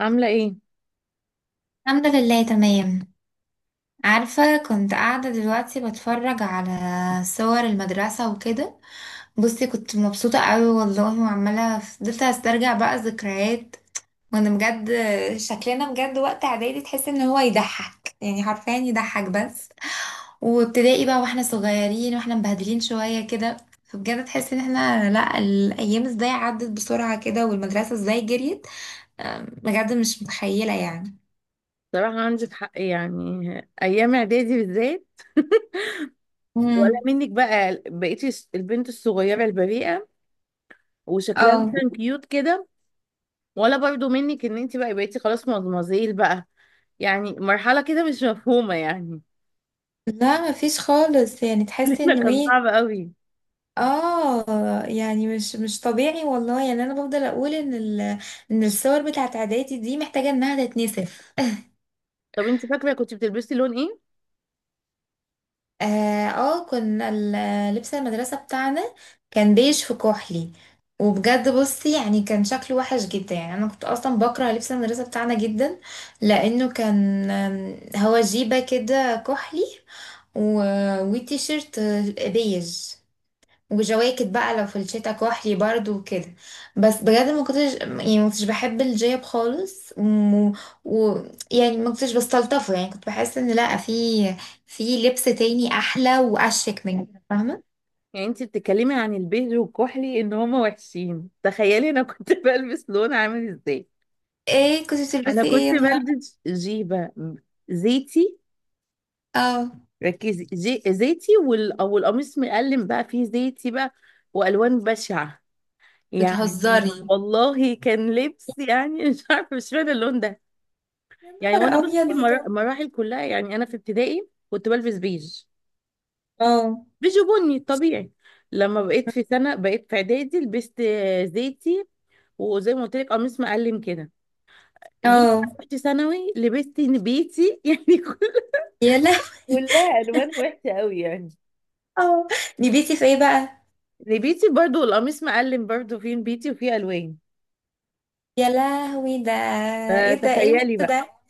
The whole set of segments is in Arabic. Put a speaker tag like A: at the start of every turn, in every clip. A: عاملة ايه؟
B: الحمد لله تمام. عارفة كنت قاعدة دلوقتي بتفرج على صور المدرسة وكده. بصي كنت مبسوطة قوي والله وعمالة فضلت استرجع بقى الذكريات وانا بجد شكلنا بجد وقت اعدادي تحس ان هو يضحك، يعني حرفيا يضحك بس. وابتدائي بقى واحنا صغيرين واحنا مبهدلين شوية كده. فبجد تحس ان احنا لا، الايام ازاي عدت بسرعة كده والمدرسة ازاي جريت. بجد مش متخيلة يعني.
A: صراحة عندك حق، يعني أيام إعدادي بالذات. ولا
B: امم.
A: منك بقى بقيتي البنت الصغيرة البريئة وشكلها
B: اه،
A: مثلا كيوت كده، ولا برضو منك إن انت بقى بقيتي خلاص مدمزيل بقى. يعني مرحلة كده مش مفهومة يعني.
B: لا مفيش خالص، يعني تحس
A: لأن
B: انه
A: كان
B: ايه.
A: صعب قوي.
B: اه يعني مش طبيعي والله. يعني انا بفضل اقول ان ان الصور بتاعت اعدادي دي محتاجه انها تتنسف.
A: طب انت فاكرة كنت بتلبسي لون ايه؟
B: اه. كنا لبس المدرسه بتاعنا كان بيج في كحلي. وبجد بصي يعني كان شكله وحش جدا. يعني انا كنت اصلا بكره لبس المدرسه بتاعنا جدا، لانه كان هو جيبه كده كحلي، و... وتيشيرت بيج، وجواكت بقى لو في الشتا كحلي برضو وكده. بس بجد ما كنتش بحب الجيب خالص، و... يعني ما كنتش بستلطفه. يعني كنت بحس ان لا، في لبس تاني احلى واشيك من كده، فاهمه.
A: يعني انت بتتكلمي عن البيج والكحلي إن هما وحشين، تخيلي أنا كنت بلبس لون عامل ازاي؟
B: ايه كنت
A: أنا
B: بتلبسي
A: كنت
B: ايه يا نهار؟
A: بلبس جيبة زيتي.
B: اه.
A: ركزي، زيتي او القميص مقلم بقى فيه زيتي بقى، والوان بشعه يعني.
B: بتهزري؟
A: والله كان لبس يعني مش عارفه، مش فاهمه اللون ده
B: يا
A: يعني. وانا
B: نهار ابيض
A: بصي،
B: بجد.
A: مراحل كلها، يعني انا في ابتدائي كنت بلبس بيج،
B: اه.
A: بيج وبني طبيعي. لما بقيت في سنه، بقيت في اعدادي لبست زيتي، وزي ما قلت لك قميص مقلم كده. جيت بقى
B: اه.
A: رحت ثانوي لبست نبيتي يعني.
B: يا لهوي.
A: كلها الوان وحشه قوي يعني.
B: اه. نبيتي في ايه بقى؟
A: نبيتي برضو، والقميص مقلم برضو فيه نبيتي وفيه الوان،
B: يا لهوي ده. ايه ده، ايه الميكس
A: فتخيلي بقى.
B: ده.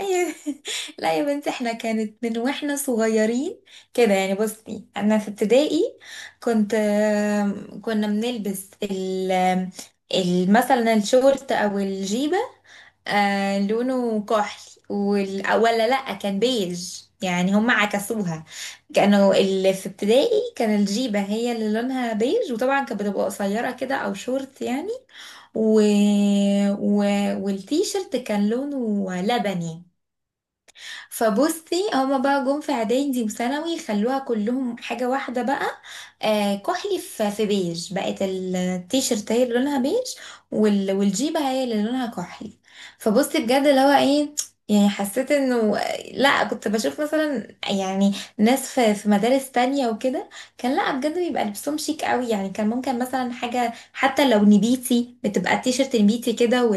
B: أيوة. لا يا بنتي احنا كانت من واحنا صغيرين كده. يعني بصي انا في ابتدائي كنت، كنا بنلبس مثلا الشورت او الجيبه، لونه كحلي ولا لا كان بيج. يعني هم عكسوها. كانوا اللي في ابتدائي كان الجيبه هي اللي لونها بيج، وطبعا كانت بتبقى قصيره كده او شورت يعني، و... و... والتيشرت كان لونه لبني. فبصي هما بقى جم في اعدادي وثانوي خلوها كلهم حاجة واحدة بقى. آه كحلي في بيج، بقت التيشيرت هي اللي لونها بيج، والجيبة هي اللي لونها كحلي. فبصي بجد اللي هو ايه، يعني حسيت انه لا، كنت بشوف مثلا يعني ناس في مدارس تانية وكده كان لا بجد بيبقى لبسهم شيك قوي. يعني كان ممكن مثلا حاجة حتى لو نبيتي بتبقى التيشيرت نبيتي كده،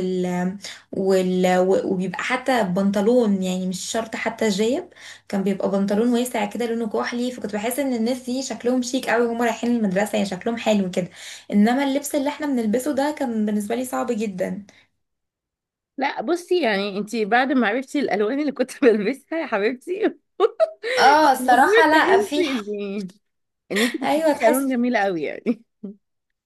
B: وبيبقى حتى بنطلون، يعني مش شرط حتى جايب كان بيبقى بنطلون واسع كده لونه كحلي. فكنت بحس ان الناس دي شكلهم شيك قوي وهم رايحين المدرسة، يعني شكلهم حلو كده. انما اللبس اللي احنا بنلبسه ده كان بالنسبة لي صعب جدا.
A: لا بصي، يعني انتي بعد ما عرفتي الالوان اللي كنت بلبسها يا حبيبتي،
B: اه
A: المفروض
B: الصراحة لا في
A: تحسي ان انتي كنت
B: ايوه
A: بتلبسي
B: تحس.
A: الوان جميله قوي يعني.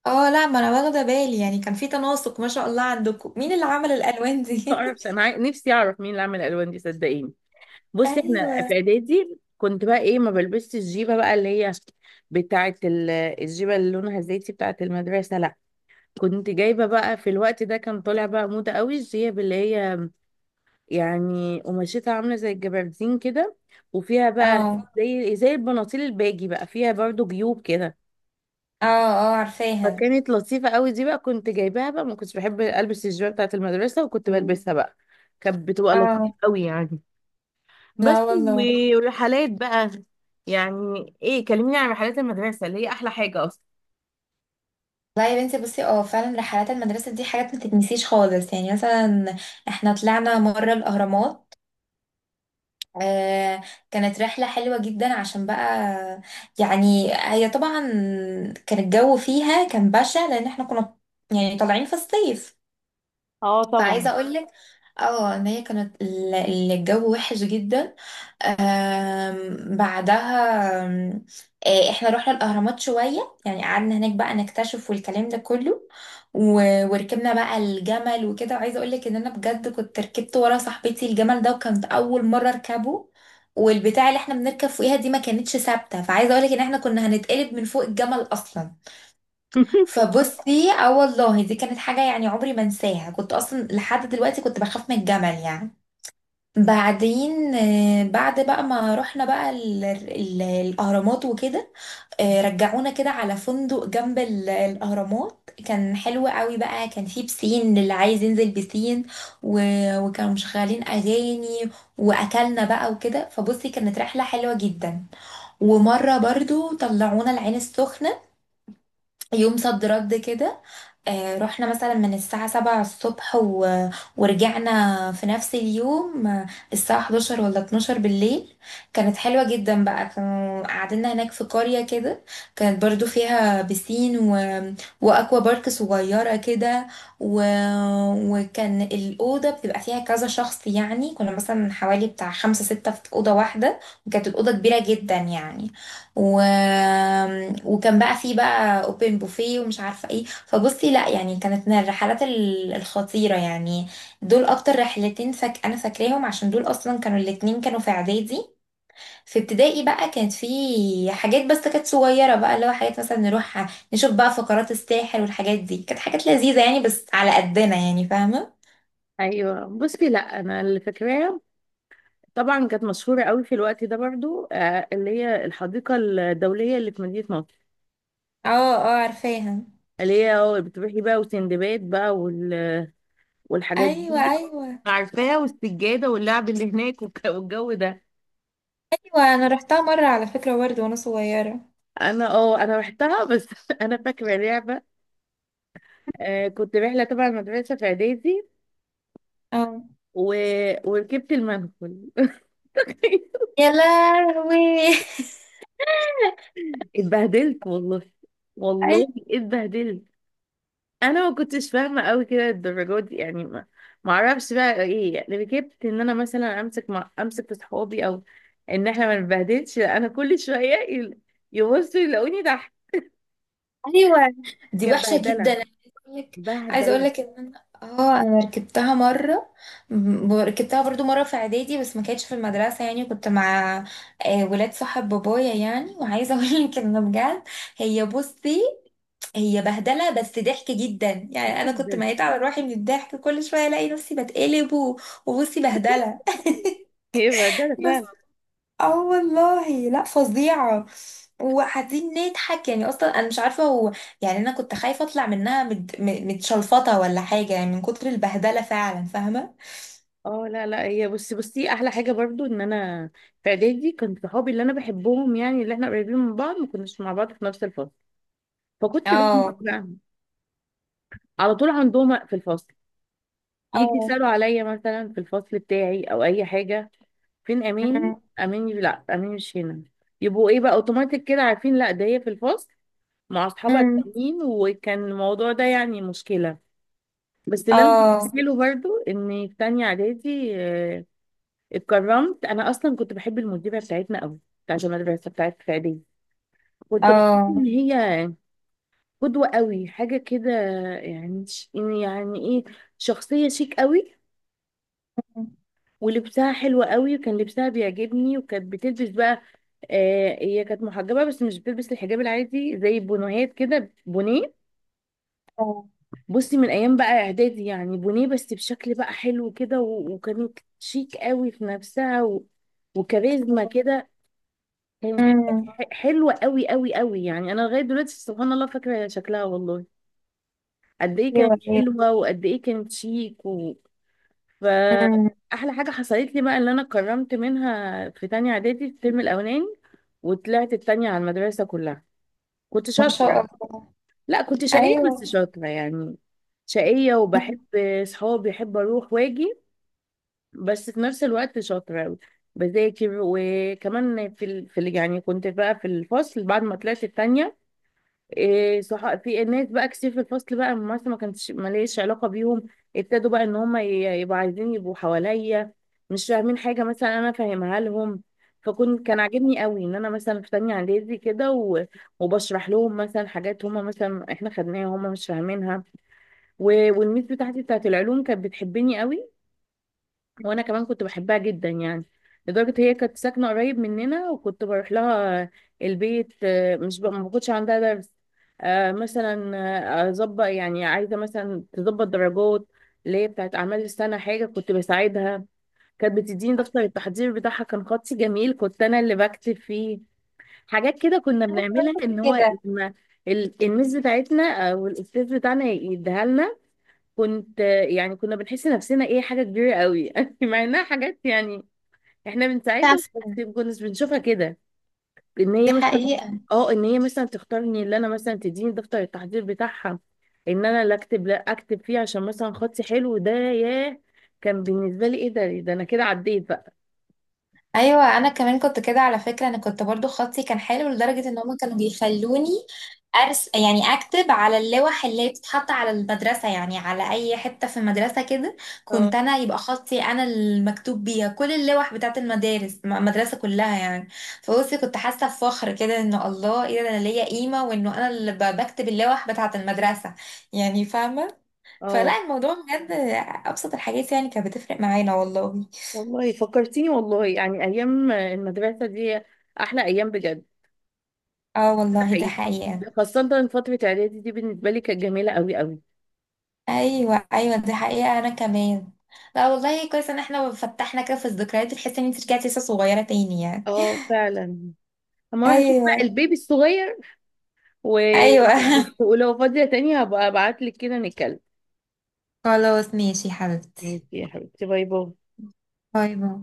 B: اه لا ما انا واخده بالي. يعني كان في تناسق ما شاء الله، عندكم مين اللي عمل الالوان
A: ما
B: دي.
A: اعرفش انا نفسي اعرف مين اللي عمل الالوان دي صدقيني. بصي احنا في
B: ايوه.
A: اعدادي كنت بقى ايه، ما بلبسش الجيبه بقى اللي هي بتاعه الجيبه اللي لونها زيتي بتاعه المدرسه، لا، كنت جايبه بقى. في الوقت ده كان طالع بقى موضه قوي الجيب اللي هي، يعني قماشتها عاملة زي الجبردين كده، وفيها بقى
B: اه.
A: زي البناطيل الباجي بقى، فيها برضو جيوب كده.
B: اه. اه عارفاها.
A: فكانت لطيفة قوي دي، بقى كنت جايباها بقى، ما كنتش بحب البس الجيبة بتاعة المدرسة وكنت بلبسها بقى، كانت بتبقى لطيفة
B: اه.
A: قوي يعني. بس
B: لا والله.
A: والرحلات بقى، يعني ايه، كلميني عن رحلات المدرسة اللي هي احلى حاجة اصلا.
B: والله يا بنتي بصي اه فعلا رحلات المدرسة دي حاجات ما تتنسيش خالص. يعني مثلا احنا طلعنا مرة الأهرامات. آه كانت رحلة حلوة جدا عشان بقى، يعني هي طبعا كان الجو فيها كان بشع، لأن احنا كنا يعني طالعين في الصيف.
A: اه
B: فعايزة
A: طبعا.
B: اه اقولك اه ان هي كانت الجو وحش جدا. آم، بعدها آم، آه، احنا رحنا الاهرامات شويه، يعني قعدنا هناك بقى نكتشف والكلام ده كله. وركبنا بقى الجمل وكده، وعايزه اقول لك ان انا بجد كنت ركبت ورا صاحبتي الجمل ده وكانت اول مره اركبه، والبتاع اللي احنا بنركب فوقيها دي ما كانتش ثابته، فعايزه اقول لك ان احنا كنا هنتقلب من فوق الجمل اصلا. فبصي اه والله دي كانت حاجه يعني عمري ما انساها، كنت اصلا لحد دلوقتي كنت بخاف من الجمل يعني. بعدين بعد بقى ما رحنا بقى ال ال الأهرامات وكده، رجعونا كده على فندق جنب الأهرامات. كان حلو قوي بقى، كان فيه بسين اللي عايز ينزل بسين، وكانوا مشغلين أغاني وأكلنا بقى وكده. فبصي كانت رحلة حلوة جدا. ومرة برضو طلعونا العين السخنة يوم صد رد كده. رحنا مثلا من الساعة 7 الصبح ورجعنا في نفس اليوم الساعة 11 ولا 12 بالليل. كانت حلوة جدا بقى، كانوا قعدنا هناك في قرية كده، كانت برضو فيها بسين وأكوا بارك صغيرة كده، و... وكان الأوضة بتبقى فيها كذا شخص. يعني كنا مثلا حوالي بتاع 5 6 في أوضة واحدة، وكانت الأوضة كبيرة جدا يعني. و... وكان بقى فيه بقى اوبن بوفيه ومش عارفه ايه. فبصي لا يعني كانت من الرحلات الخطيره يعني. دول اكتر رحلتين فك انا فاكراهم عشان دول اصلا كانوا الاتنين كانوا في اعدادي. في ابتدائي بقى كانت في حاجات بس كانت صغيره بقى، اللي هو حاجات مثلا نروح نشوف بقى فقرات الساحر والحاجات دي، كانت حاجات لذيذه يعني بس على قدنا، يعني فاهمه.
A: ايوه بصي، لا انا اللي فاكراها، طبعا كانت مشهورة قوي في الوقت ده برضو، آه، اللي هي الحديقة الدولية اللي في مدينة نصر.
B: اه. اه عارفاها.
A: اللي هي اه بتروحي بقى وسندباد بقى والحاجات
B: ايوه
A: دي.
B: ايوه.
A: عارفاها،
B: اه.
A: والسجادة واللعب اللي هناك والجو ده.
B: ايوه انا رحتها مره على فكره برضه وانا صغيره.
A: انا اه انا رحتها بس، انا فاكرة لعبة. آه كنت رحلة تبع المدرسة في اعدادي
B: اه.
A: و... وركبت المنقل.
B: يا لهوي.
A: اتبهدلت والله،
B: أي-
A: والله اتبهدلت. انا ما كنتش فاهمه قوي كده الدرجات دي، يعني ما اعرفش بقى ايه، يعني ركبت ان انا مثلا امسك، مع امسك في صحابي، او ان احنا ما نبهدلش، لا، انا كل شويه يبصوا يلاقوني تحت.
B: ايوه دي
A: كانت
B: وحشه جدا.
A: بهدله،
B: انا عايزه اقول لك، عايزه اقول
A: بهدله
B: لك ان انا اه انا ركبتها مره، ركبتها برضو مره في اعدادي بس ما كانتش في المدرسه، يعني كنت مع ولاد صاحب بابايا يعني. وعايزه اقول لك ان بجد هي بصي هي بهدله بس ضحك جدا. يعني انا كنت
A: جدا.
B: ميت على روحي من الضحك، كل شويه الاقي نفسي بتقلب وبصي بهدله.
A: هي بهدله فعلا.
B: اه والله لا فظيعة. وقاعدين نضحك، يعني اصلا انا مش عارفة هو، يعني انا كنت خايفة اطلع منها متشلفطة ولا حاجة يعني من كتر البهدلة، فعلا فاهمة.
A: اه لا لا هي بصي احلى حاجه برضو ان انا في اعدادي كنت صحابي اللي انا بحبهم، يعني اللي احنا قريبين من بعض ما كناش مع بعض في نفس الفصل، فكنت بعمل إيه
B: اه.
A: بقى، على طول عندهم في الفصل، يجي
B: اه.
A: يسالوا عليا مثلا في الفصل بتاعي او اي حاجه، فين اماني،
B: أمم.
A: اماني، لا اماني مش هنا، يبقوا ايه بقى اوتوماتيك كده عارفين لا ده هي في الفصل مع اصحابها
B: أمم.
A: التانيين. وكان الموضوع ده يعني مشكله. بس اللي انا
B: اه.
A: فاكره برضو ان في تانية اعدادي، اتكرمت. انا اصلا كنت بحب المديره بتاعتنا قوي، بتاعت المدرسه بتاعت في اعدادي، كنت بحس ان
B: اه.
A: هي قدوه قوي، حاجه كده، يعني يعني ايه، شخصيه شيك قوي،
B: أمم.
A: ولبسها حلو قوي وكان لبسها بيعجبني، وكانت بتلبس بقى، آه هي كانت محجبة بس مش بتلبس الحجاب العادي زي البنوهات كده، بونيه.
B: اه.
A: بصي من ايام بقى اعدادي يعني، بونيه بس بشكل بقى حلو كده، وكانت شيك قوي في نفسها وكاريزما كده. كانت حاجة
B: أمم.
A: حلوة قوي قوي قوي، يعني انا لغاية دلوقتي سبحان الله فاكرة شكلها والله، قد ايه كانت
B: ايوه ايوه.
A: حلوة وقد ايه كانت شيك
B: أمم.
A: فأحلى حاجة حصلت لي بقى اللي أنا اتكرمت منها في تانية إعدادي الترم الأولاني، وطلعت التانية على المدرسة كلها. كنت
B: ما شاء
A: شاطرة،
B: الله.
A: لا كنت شقية بس
B: ايوه.
A: شاطرة يعني، شقية
B: أمم.
A: وبحب صحابي، بحب أروح وأجي، بس في نفس الوقت شاطرة بذاكر. وكمان في يعني كنت بقى في الفصل بعد ما طلعت التانية، إيه صح، في ناس بقى كتير في الفصل بقى مثلا ما كانتش ماليش علاقة بيهم، ابتدوا بقى ان هم يبقوا عايزين يبقوا حواليا، مش فاهمين حاجة مثلا انا فاهمها لهم، فكنت كان عاجبني قوي ان انا مثلا في تانية اعدادي كده، وبشرح لهم مثلا حاجات هم مثلا احنا خدناها هم مش فاهمينها. والميس بتاعتي بتاعت العلوم كانت بتحبني قوي، وانا كمان كنت بحبها جدا يعني، لدرجة هي كانت ساكنة قريب مننا وكنت بروح لها البيت، مش ما كنتش عندها درس، آه، مثلا آه، اظبط، يعني عايزة مثلا تظبط درجات اللي هي بتاعت اعمال السنة، حاجة كنت بساعدها. كانت بتديني دفتر التحضير بتاعها، كان خطي جميل كنت انا اللي بكتب فيه. حاجات كده كنا
B: انا كمان
A: بنعملها ان
B: كنت
A: هو
B: كده.
A: إن الميس بتاعتنا او الاستاذ بتاعنا يديها لنا، كنت يعني كنا بنحس نفسنا ايه، حاجة كبيرة قوي يعني، مع انها حاجات يعني احنا
B: فعلا،
A: بنساعدهم، بس ما كناش بنشوفها كده، ان هي
B: دي
A: مثلا،
B: حقيقة.
A: اه ان هي مثلا تختارني، اللي انا مثلا تديني دفتر التحضير بتاعها، ان انا اللي اكتب لا اكتب فيه عشان مثلا خطي حلو، ده ياه، كان بالنسبة لي ايه ده، إيه ده، انا كده عديت بقى.
B: ايوه انا كمان كنت كده على فكره. انا كنت برضو خطي كان حلو لدرجه ان هم كانوا بيخلوني ارس، يعني اكتب على اللوح اللي بتتحط على المدرسه، يعني على اي حته في المدرسه كده كنت
A: اه.
B: انا يبقى خطي انا المكتوب بيها كل اللوح بتاعت المدارس المدرسه كلها يعني. فبصي كنت حاسه بفخر كده انه الله ايه ده انا ليا قيمه، وانه انا اللي بكتب اللوح بتاعت المدرسه يعني، فاهمه.
A: اه
B: فلا الموضوع بجد ابسط الحاجات يعني كانت بتفرق معانا والله.
A: والله فكرتيني، والله يعني ايام المدرسة دي احلى ايام بجد.
B: اه
A: ده
B: والله ده
A: حقيقي،
B: حقيقه.
A: خاصة فترة اعدادي دي بالنسبة لي كانت جميلة قوي قوي.
B: ايوه ايوه دي حقيقه انا كمان. لا والله كويس ان احنا فتحنا كده في الذكريات، تحس ان انت رجعتي لسه صغيره تاني يعني.
A: اه فعلا. اما اروح اشوف بقى
B: ايوه.
A: البيبي الصغير و...
B: ايوه.
A: ولو فاضية تاني هبقى ابعتلك كده نتكلم.
B: خلاص ماشي يا
A: ماشي
B: حبيبتي.
A: يا حبيبتي، باي باي.
B: باي باي.